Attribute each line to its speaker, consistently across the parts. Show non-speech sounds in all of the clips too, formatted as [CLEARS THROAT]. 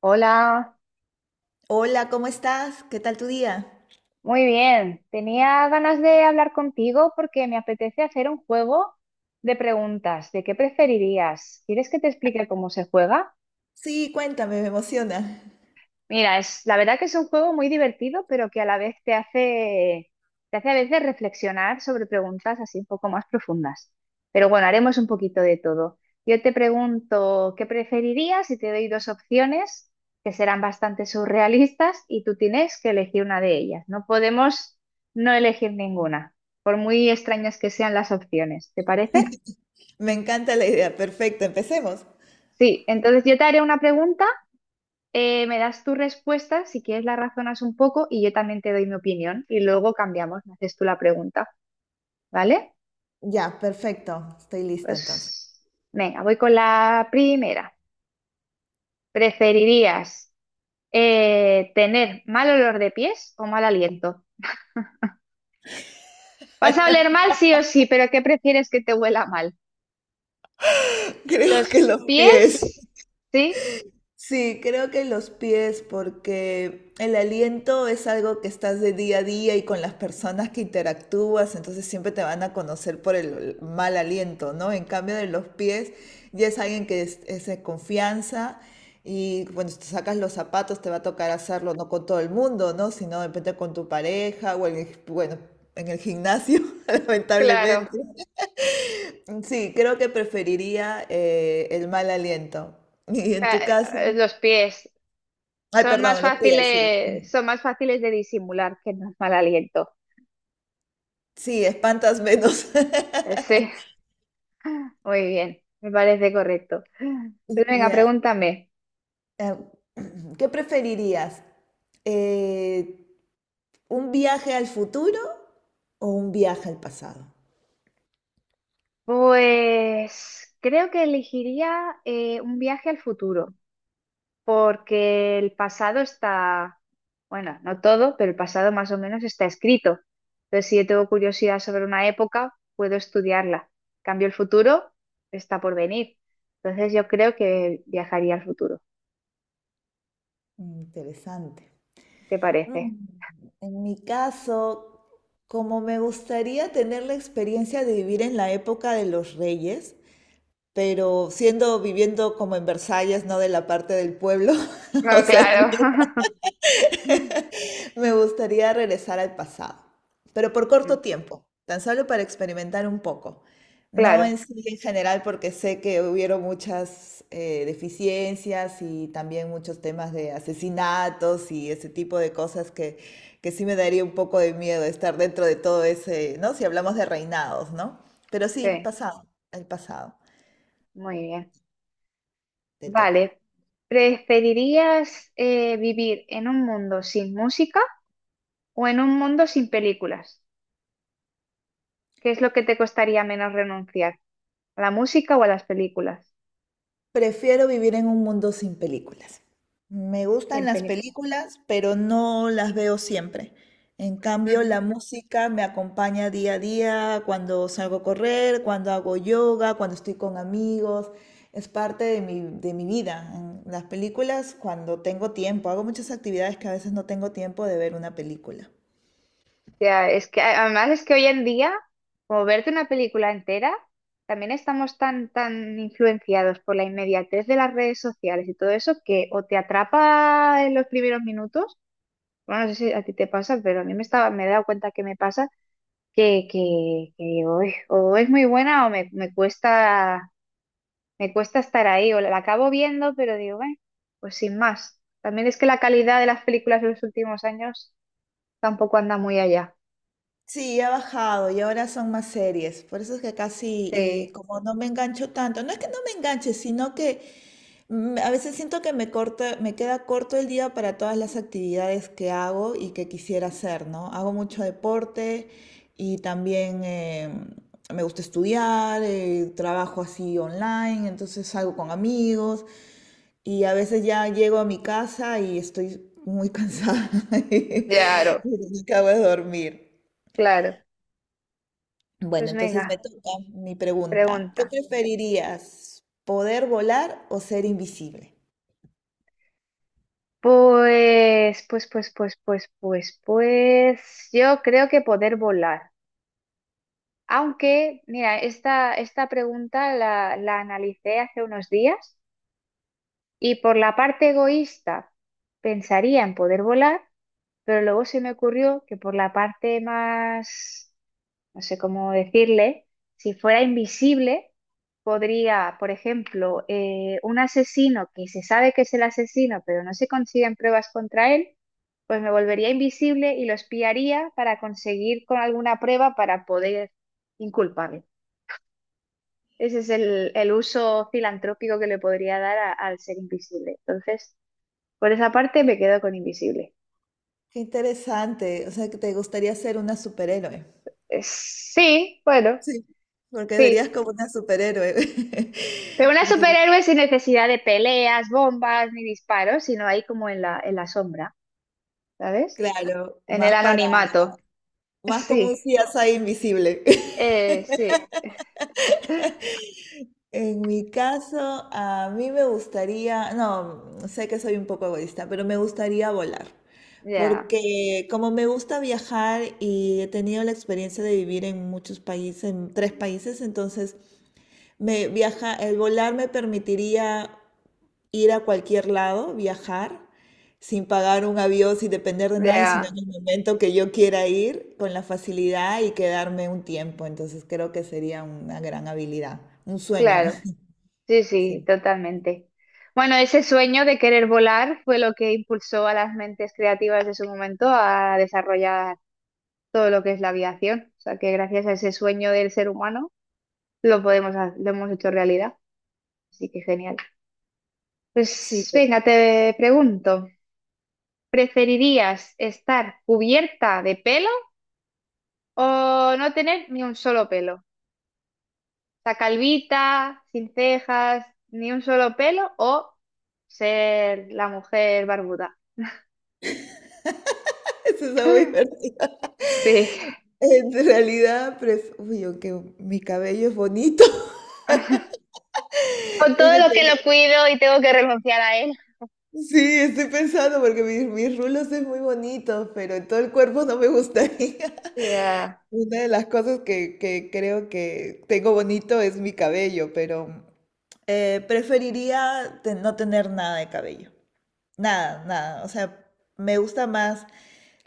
Speaker 1: Hola,
Speaker 2: Hola, ¿cómo estás? ¿Qué tal tu día?
Speaker 1: muy bien. Tenía ganas de hablar contigo porque me apetece hacer un juego de preguntas. ¿De qué preferirías? ¿Quieres que te explique cómo se juega?
Speaker 2: Sí, cuéntame, me emociona.
Speaker 1: Mira, es, la verdad que es un juego muy divertido, pero que a la vez te hace a veces reflexionar sobre preguntas así un poco más profundas. Pero bueno, haremos un poquito de todo. Yo te pregunto, ¿qué preferirías? Y te doy dos opciones que serán bastante surrealistas y tú tienes que elegir una de ellas. No podemos no elegir ninguna, por muy extrañas que sean las opciones. ¿Te parece?
Speaker 2: Me encanta la idea. Perfecto, empecemos.
Speaker 1: Sí, entonces yo te haré una pregunta. Me das tu respuesta, si quieres la razonas un poco y yo también te doy mi opinión y luego cambiamos, me haces tú la pregunta, ¿vale?
Speaker 2: Ya, perfecto. Estoy lista entonces.
Speaker 1: Pues venga, voy con la primera. ¿Preferirías tener mal olor de pies o mal aliento? Vas a oler mal sí o sí, pero ¿qué prefieres que te huela mal?
Speaker 2: [LAUGHS] Creo
Speaker 1: ¿Los
Speaker 2: que los pies.
Speaker 1: pies? Sí,
Speaker 2: Sí, creo que los pies, porque el aliento es algo que estás de día a día y con las personas que interactúas, entonces siempre te van a conocer por el mal aliento, ¿no? En cambio de los pies, ya es alguien que es de confianza y cuando te sacas los zapatos te va a tocar hacerlo no con todo el mundo, ¿no? Sino de repente con tu pareja o en el, bueno, en el gimnasio, [LAUGHS]
Speaker 1: claro.
Speaker 2: lamentablemente. Sí, creo que preferiría el mal aliento. [LAUGHS] ¿Y en tu caso?
Speaker 1: Los pies
Speaker 2: Ay,
Speaker 1: son más
Speaker 2: perdón, los pies, sí.
Speaker 1: fáciles de disimular que el mal aliento.
Speaker 2: Sí, espantas menos.
Speaker 1: Sí.
Speaker 2: [LAUGHS]
Speaker 1: Muy bien, me parece correcto. Pues venga,
Speaker 2: Ya.
Speaker 1: pregúntame.
Speaker 2: eh, [CLEARS THROAT] ¿Qué preferirías? Eh, ¿Un viaje al futuro o un viaje al pasado?
Speaker 1: Pues creo que elegiría un viaje al futuro, porque el pasado está, bueno, no todo, pero el pasado más o menos está escrito. Entonces, si yo tengo curiosidad sobre una época, puedo estudiarla. En cambio el futuro, está por venir. Entonces, yo creo que viajaría al futuro.
Speaker 2: Mm, interesante.
Speaker 1: ¿Qué te
Speaker 2: Mm,
Speaker 1: parece?
Speaker 2: En mi caso, como me gustaría tener la experiencia de vivir en la época de los reyes, pero siendo viviendo como en Versalles, no de la parte del pueblo, [LAUGHS] o
Speaker 1: No,
Speaker 2: sea,
Speaker 1: claro. [LAUGHS]
Speaker 2: me gustaría regresar al pasado, pero por corto tiempo, tan solo para experimentar un poco. No
Speaker 1: Claro,
Speaker 2: en sí en general porque sé que hubieron muchas deficiencias y también muchos temas de asesinatos y ese tipo de cosas que sí me daría un poco de miedo estar dentro de todo ese, ¿no? Si hablamos de reinados, ¿no? Pero sí, el
Speaker 1: sí,
Speaker 2: pasado, el pasado,
Speaker 1: muy bien.
Speaker 2: te toca.
Speaker 1: Vale, ¿preferirías vivir en un mundo sin música o en un mundo sin películas? ¿Qué es lo que te costaría menos renunciar? ¿A la música o a las películas?
Speaker 2: Prefiero vivir en un mundo sin películas. Me gustan
Speaker 1: Sin
Speaker 2: las
Speaker 1: películas.
Speaker 2: películas, pero no las veo siempre. En cambio,
Speaker 1: Ujú.
Speaker 2: la música me acompaña día a día, cuando salgo a correr, cuando hago yoga, cuando estoy con amigos. Es parte de mi vida. En las películas, cuando tengo tiempo, hago muchas actividades que a veces no tengo tiempo de ver una película.
Speaker 1: O sea, es que además es que hoy en día, como verte una película entera, también estamos tan influenciados por la inmediatez de las redes sociales y todo eso que o te atrapa en los primeros minutos, bueno, no sé si a ti te pasa, pero a mí me estaba, me he dado cuenta que me pasa que, que uy, o es muy buena o me cuesta estar ahí, o la acabo viendo, pero digo, bueno, pues sin más. También es que la calidad de las películas de los últimos años tampoco anda muy allá.
Speaker 2: Sí, ha bajado y ahora son más series. Por eso es que casi, y
Speaker 1: Sí,
Speaker 2: como no me engancho tanto, no es que no me enganche, sino que a veces siento que me queda corto el día para todas las actividades que hago y que quisiera hacer, ¿no? Hago mucho deporte y también me gusta estudiar, trabajo así online, entonces salgo con amigos y a veces ya llego a mi casa y estoy muy cansada [LAUGHS]
Speaker 1: claro,
Speaker 2: y acabo de dormir.
Speaker 1: claro.
Speaker 2: Bueno,
Speaker 1: Pues
Speaker 2: entonces me
Speaker 1: venga,
Speaker 2: toca mi pregunta. ¿Qué
Speaker 1: pregunta.
Speaker 2: preferirías? ¿Poder volar o ser invisible?
Speaker 1: Yo creo que poder volar. Aunque, mira, esta pregunta la analicé hace unos días. Y por la parte egoísta, pensaría en poder volar, pero luego se me ocurrió que por la parte más, no sé cómo decirle, si fuera invisible, podría, por ejemplo, un asesino que se sabe que es el asesino, pero no se consiguen pruebas contra él, pues me volvería invisible y lo espiaría para conseguir con alguna prueba para poder inculparle. Ese es el uso filantrópico que le podría dar al ser invisible. Entonces... Por esa parte me quedo con invisible.
Speaker 2: Qué interesante. O sea, que te gustaría ser una superhéroe.
Speaker 1: Sí, bueno,
Speaker 2: Sí, porque
Speaker 1: sí.
Speaker 2: serías como una superhéroe.
Speaker 1: Pero una
Speaker 2: [LAUGHS] Te-
Speaker 1: superhéroe sin necesidad de peleas, bombas ni disparos, sino ahí como en la sombra, ¿sabes?
Speaker 2: Claro,
Speaker 1: En el
Speaker 2: más para,
Speaker 1: anonimato. [LAUGHS]
Speaker 2: más como un
Speaker 1: Sí,
Speaker 2: CSI invisible. [LAUGHS]
Speaker 1: sí,
Speaker 2: En mi caso, a mí me gustaría, no, sé que soy un poco egoísta, pero me gustaría volar,
Speaker 1: ya,
Speaker 2: porque como me gusta viajar y he tenido la experiencia de vivir en muchos países, en 3 países, entonces el volar me permitiría ir a cualquier lado, viajar sin pagar un avión, sin depender de nadie, sino
Speaker 1: ya,
Speaker 2: en el momento que yo quiera ir, con la facilidad y quedarme un tiempo. Entonces creo que sería una gran habilidad, un sueño.
Speaker 1: claro.
Speaker 2: [LAUGHS]
Speaker 1: Sí, sí,
Speaker 2: Sí.
Speaker 1: totalmente. Bueno, ese sueño de querer volar fue lo que impulsó a las mentes creativas de su momento a desarrollar todo lo que es la aviación. O sea que gracias a ese sueño del ser humano, lo podemos hacer, lo hemos hecho realidad, así que genial.
Speaker 2: Sí,
Speaker 1: Pues
Speaker 2: pero
Speaker 1: venga, te pregunto, ¿preferirías estar cubierta de pelo o no tener ni un solo pelo? O sea, calvita, sin cejas, ni un solo pelo o ser la mujer barbuda.
Speaker 2: [LAUGHS] eso está muy
Speaker 1: [GASPS]
Speaker 2: divertido.
Speaker 1: Sí,
Speaker 2: En realidad, uy, aunque mi cabello es bonito. [LAUGHS]
Speaker 1: [LAUGHS] con todo
Speaker 2: Es que
Speaker 1: lo que
Speaker 2: te-
Speaker 1: lo cuido y tengo que renunciar a él.
Speaker 2: Sí, estoy pensando porque mis rulos es muy bonito, pero en todo el cuerpo no me gustaría. [LAUGHS]
Speaker 1: Ya,
Speaker 2: Una de las cosas que creo que tengo bonito es mi cabello, pero no tener nada de cabello. Nada, nada. O sea, me gusta más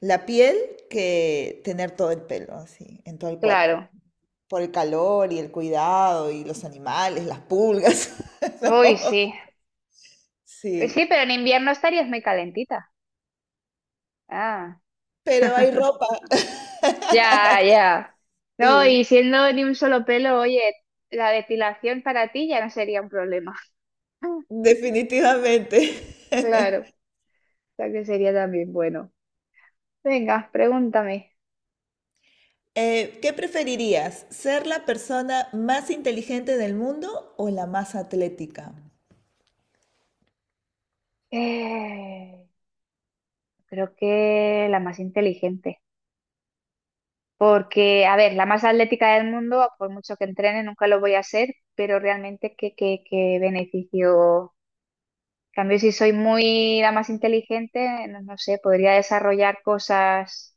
Speaker 2: la piel que tener todo el pelo así, en todo el cuerpo.
Speaker 1: claro.
Speaker 2: Por el calor y el cuidado y los animales, las pulgas, [LAUGHS]
Speaker 1: Uy,
Speaker 2: ¿no?
Speaker 1: sí. Sí,
Speaker 2: Sí,
Speaker 1: pero en invierno estarías muy calentita. Ah.
Speaker 2: pero hay
Speaker 1: [LAUGHS]
Speaker 2: ropa, [LAUGHS]
Speaker 1: Ya, ya. No, y
Speaker 2: eh,
Speaker 1: siendo de un solo pelo, oye, la depilación para ti ya no sería un problema. [LAUGHS]
Speaker 2: definitivamente. [LAUGHS]
Speaker 1: Claro, o sea que sería también bueno. Venga, pregúntame.
Speaker 2: ¿Qué preferirías? ¿Ser la persona más inteligente del mundo o la más atlética?
Speaker 1: Eh, Creo que la más inteligente. Porque, a ver, la más atlética del mundo, por mucho que entrene, nunca lo voy a ser, pero realmente qué, qué beneficio. En cambio, si soy muy la más inteligente, no, no sé, podría desarrollar cosas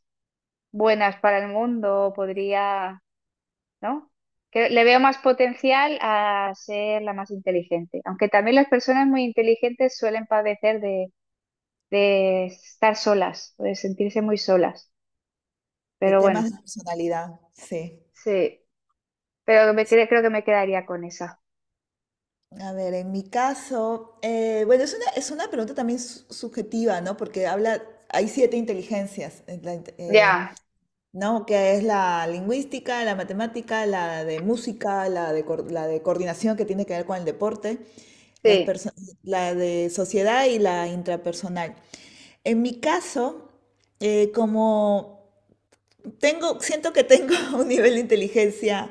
Speaker 1: buenas para el mundo, podría, ¿no? Que le veo más potencial a ser la más inteligente, aunque también las personas muy inteligentes suelen padecer de estar solas, de sentirse muy solas,
Speaker 2: De
Speaker 1: pero
Speaker 2: temas
Speaker 1: bueno,
Speaker 2: de personalidad, sí.
Speaker 1: sí, pero
Speaker 2: Sí,
Speaker 1: creo que me quedaría con esa.
Speaker 2: a ver, en mi caso, bueno, es una pregunta también subjetiva, ¿no? Porque habla, hay 7 inteligencias.
Speaker 1: Ya,
Speaker 2: ¿No? Que es la lingüística, la matemática, la de música, la de, la de coordinación que tiene que ver con el deporte, las
Speaker 1: sí.
Speaker 2: perso- la de sociedad y la intrapersonal. En mi caso, como tengo, siento que tengo [LAUGHS] un nivel de inteligencia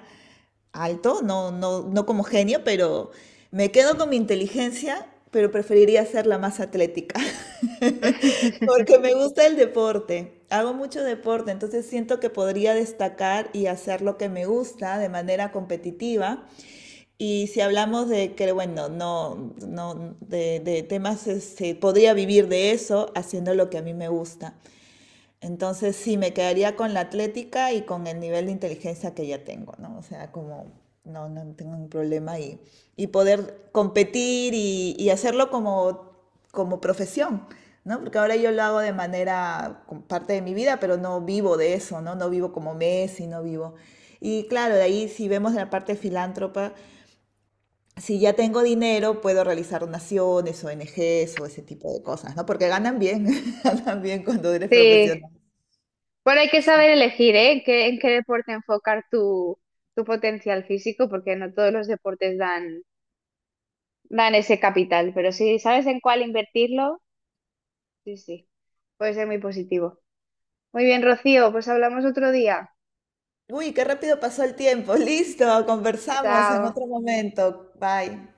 Speaker 2: alto, no como genio, pero me quedo con mi inteligencia, pero preferiría ser la más atlética. [LAUGHS] [LAUGHS]
Speaker 1: [LAUGHS]
Speaker 2: Porque me gusta el deporte, hago mucho deporte, entonces siento que podría destacar y hacer lo que me gusta de manera competitiva. Y si hablamos de que, bueno, no, no, de temas, este, podría vivir de eso haciendo lo que a mí me gusta. Entonces sí, me quedaría con la atlética y con el nivel de inteligencia que ya tengo, ¿no? O sea, como no tengo un problema y poder competir y hacerlo como, como profesión, ¿no? Porque ahora yo lo hago de manera como parte de mi vida, pero no vivo de eso, ¿no? No vivo como Messi, no vivo. Y claro, de ahí si vemos la parte filántropa, si ya tengo dinero, puedo realizar donaciones, ONGs o ese tipo de cosas, ¿no? Porque ganan bien, [LAUGHS] ganan bien cuando eres
Speaker 1: Sí,
Speaker 2: profesional.
Speaker 1: bueno, hay que
Speaker 2: Sí.
Speaker 1: saber elegir, ¿eh? En qué deporte enfocar tu, tu potencial físico, porque no todos los deportes dan ese capital, pero si sabes en cuál invertirlo, sí, sí, puede ser muy positivo. Muy bien, Rocío, pues hablamos otro día.
Speaker 2: Uy, qué rápido pasó el tiempo. [LAUGHS] Listo,
Speaker 1: Eh,
Speaker 2: conversamos en
Speaker 1: Chao.
Speaker 2: otro momento. Bye.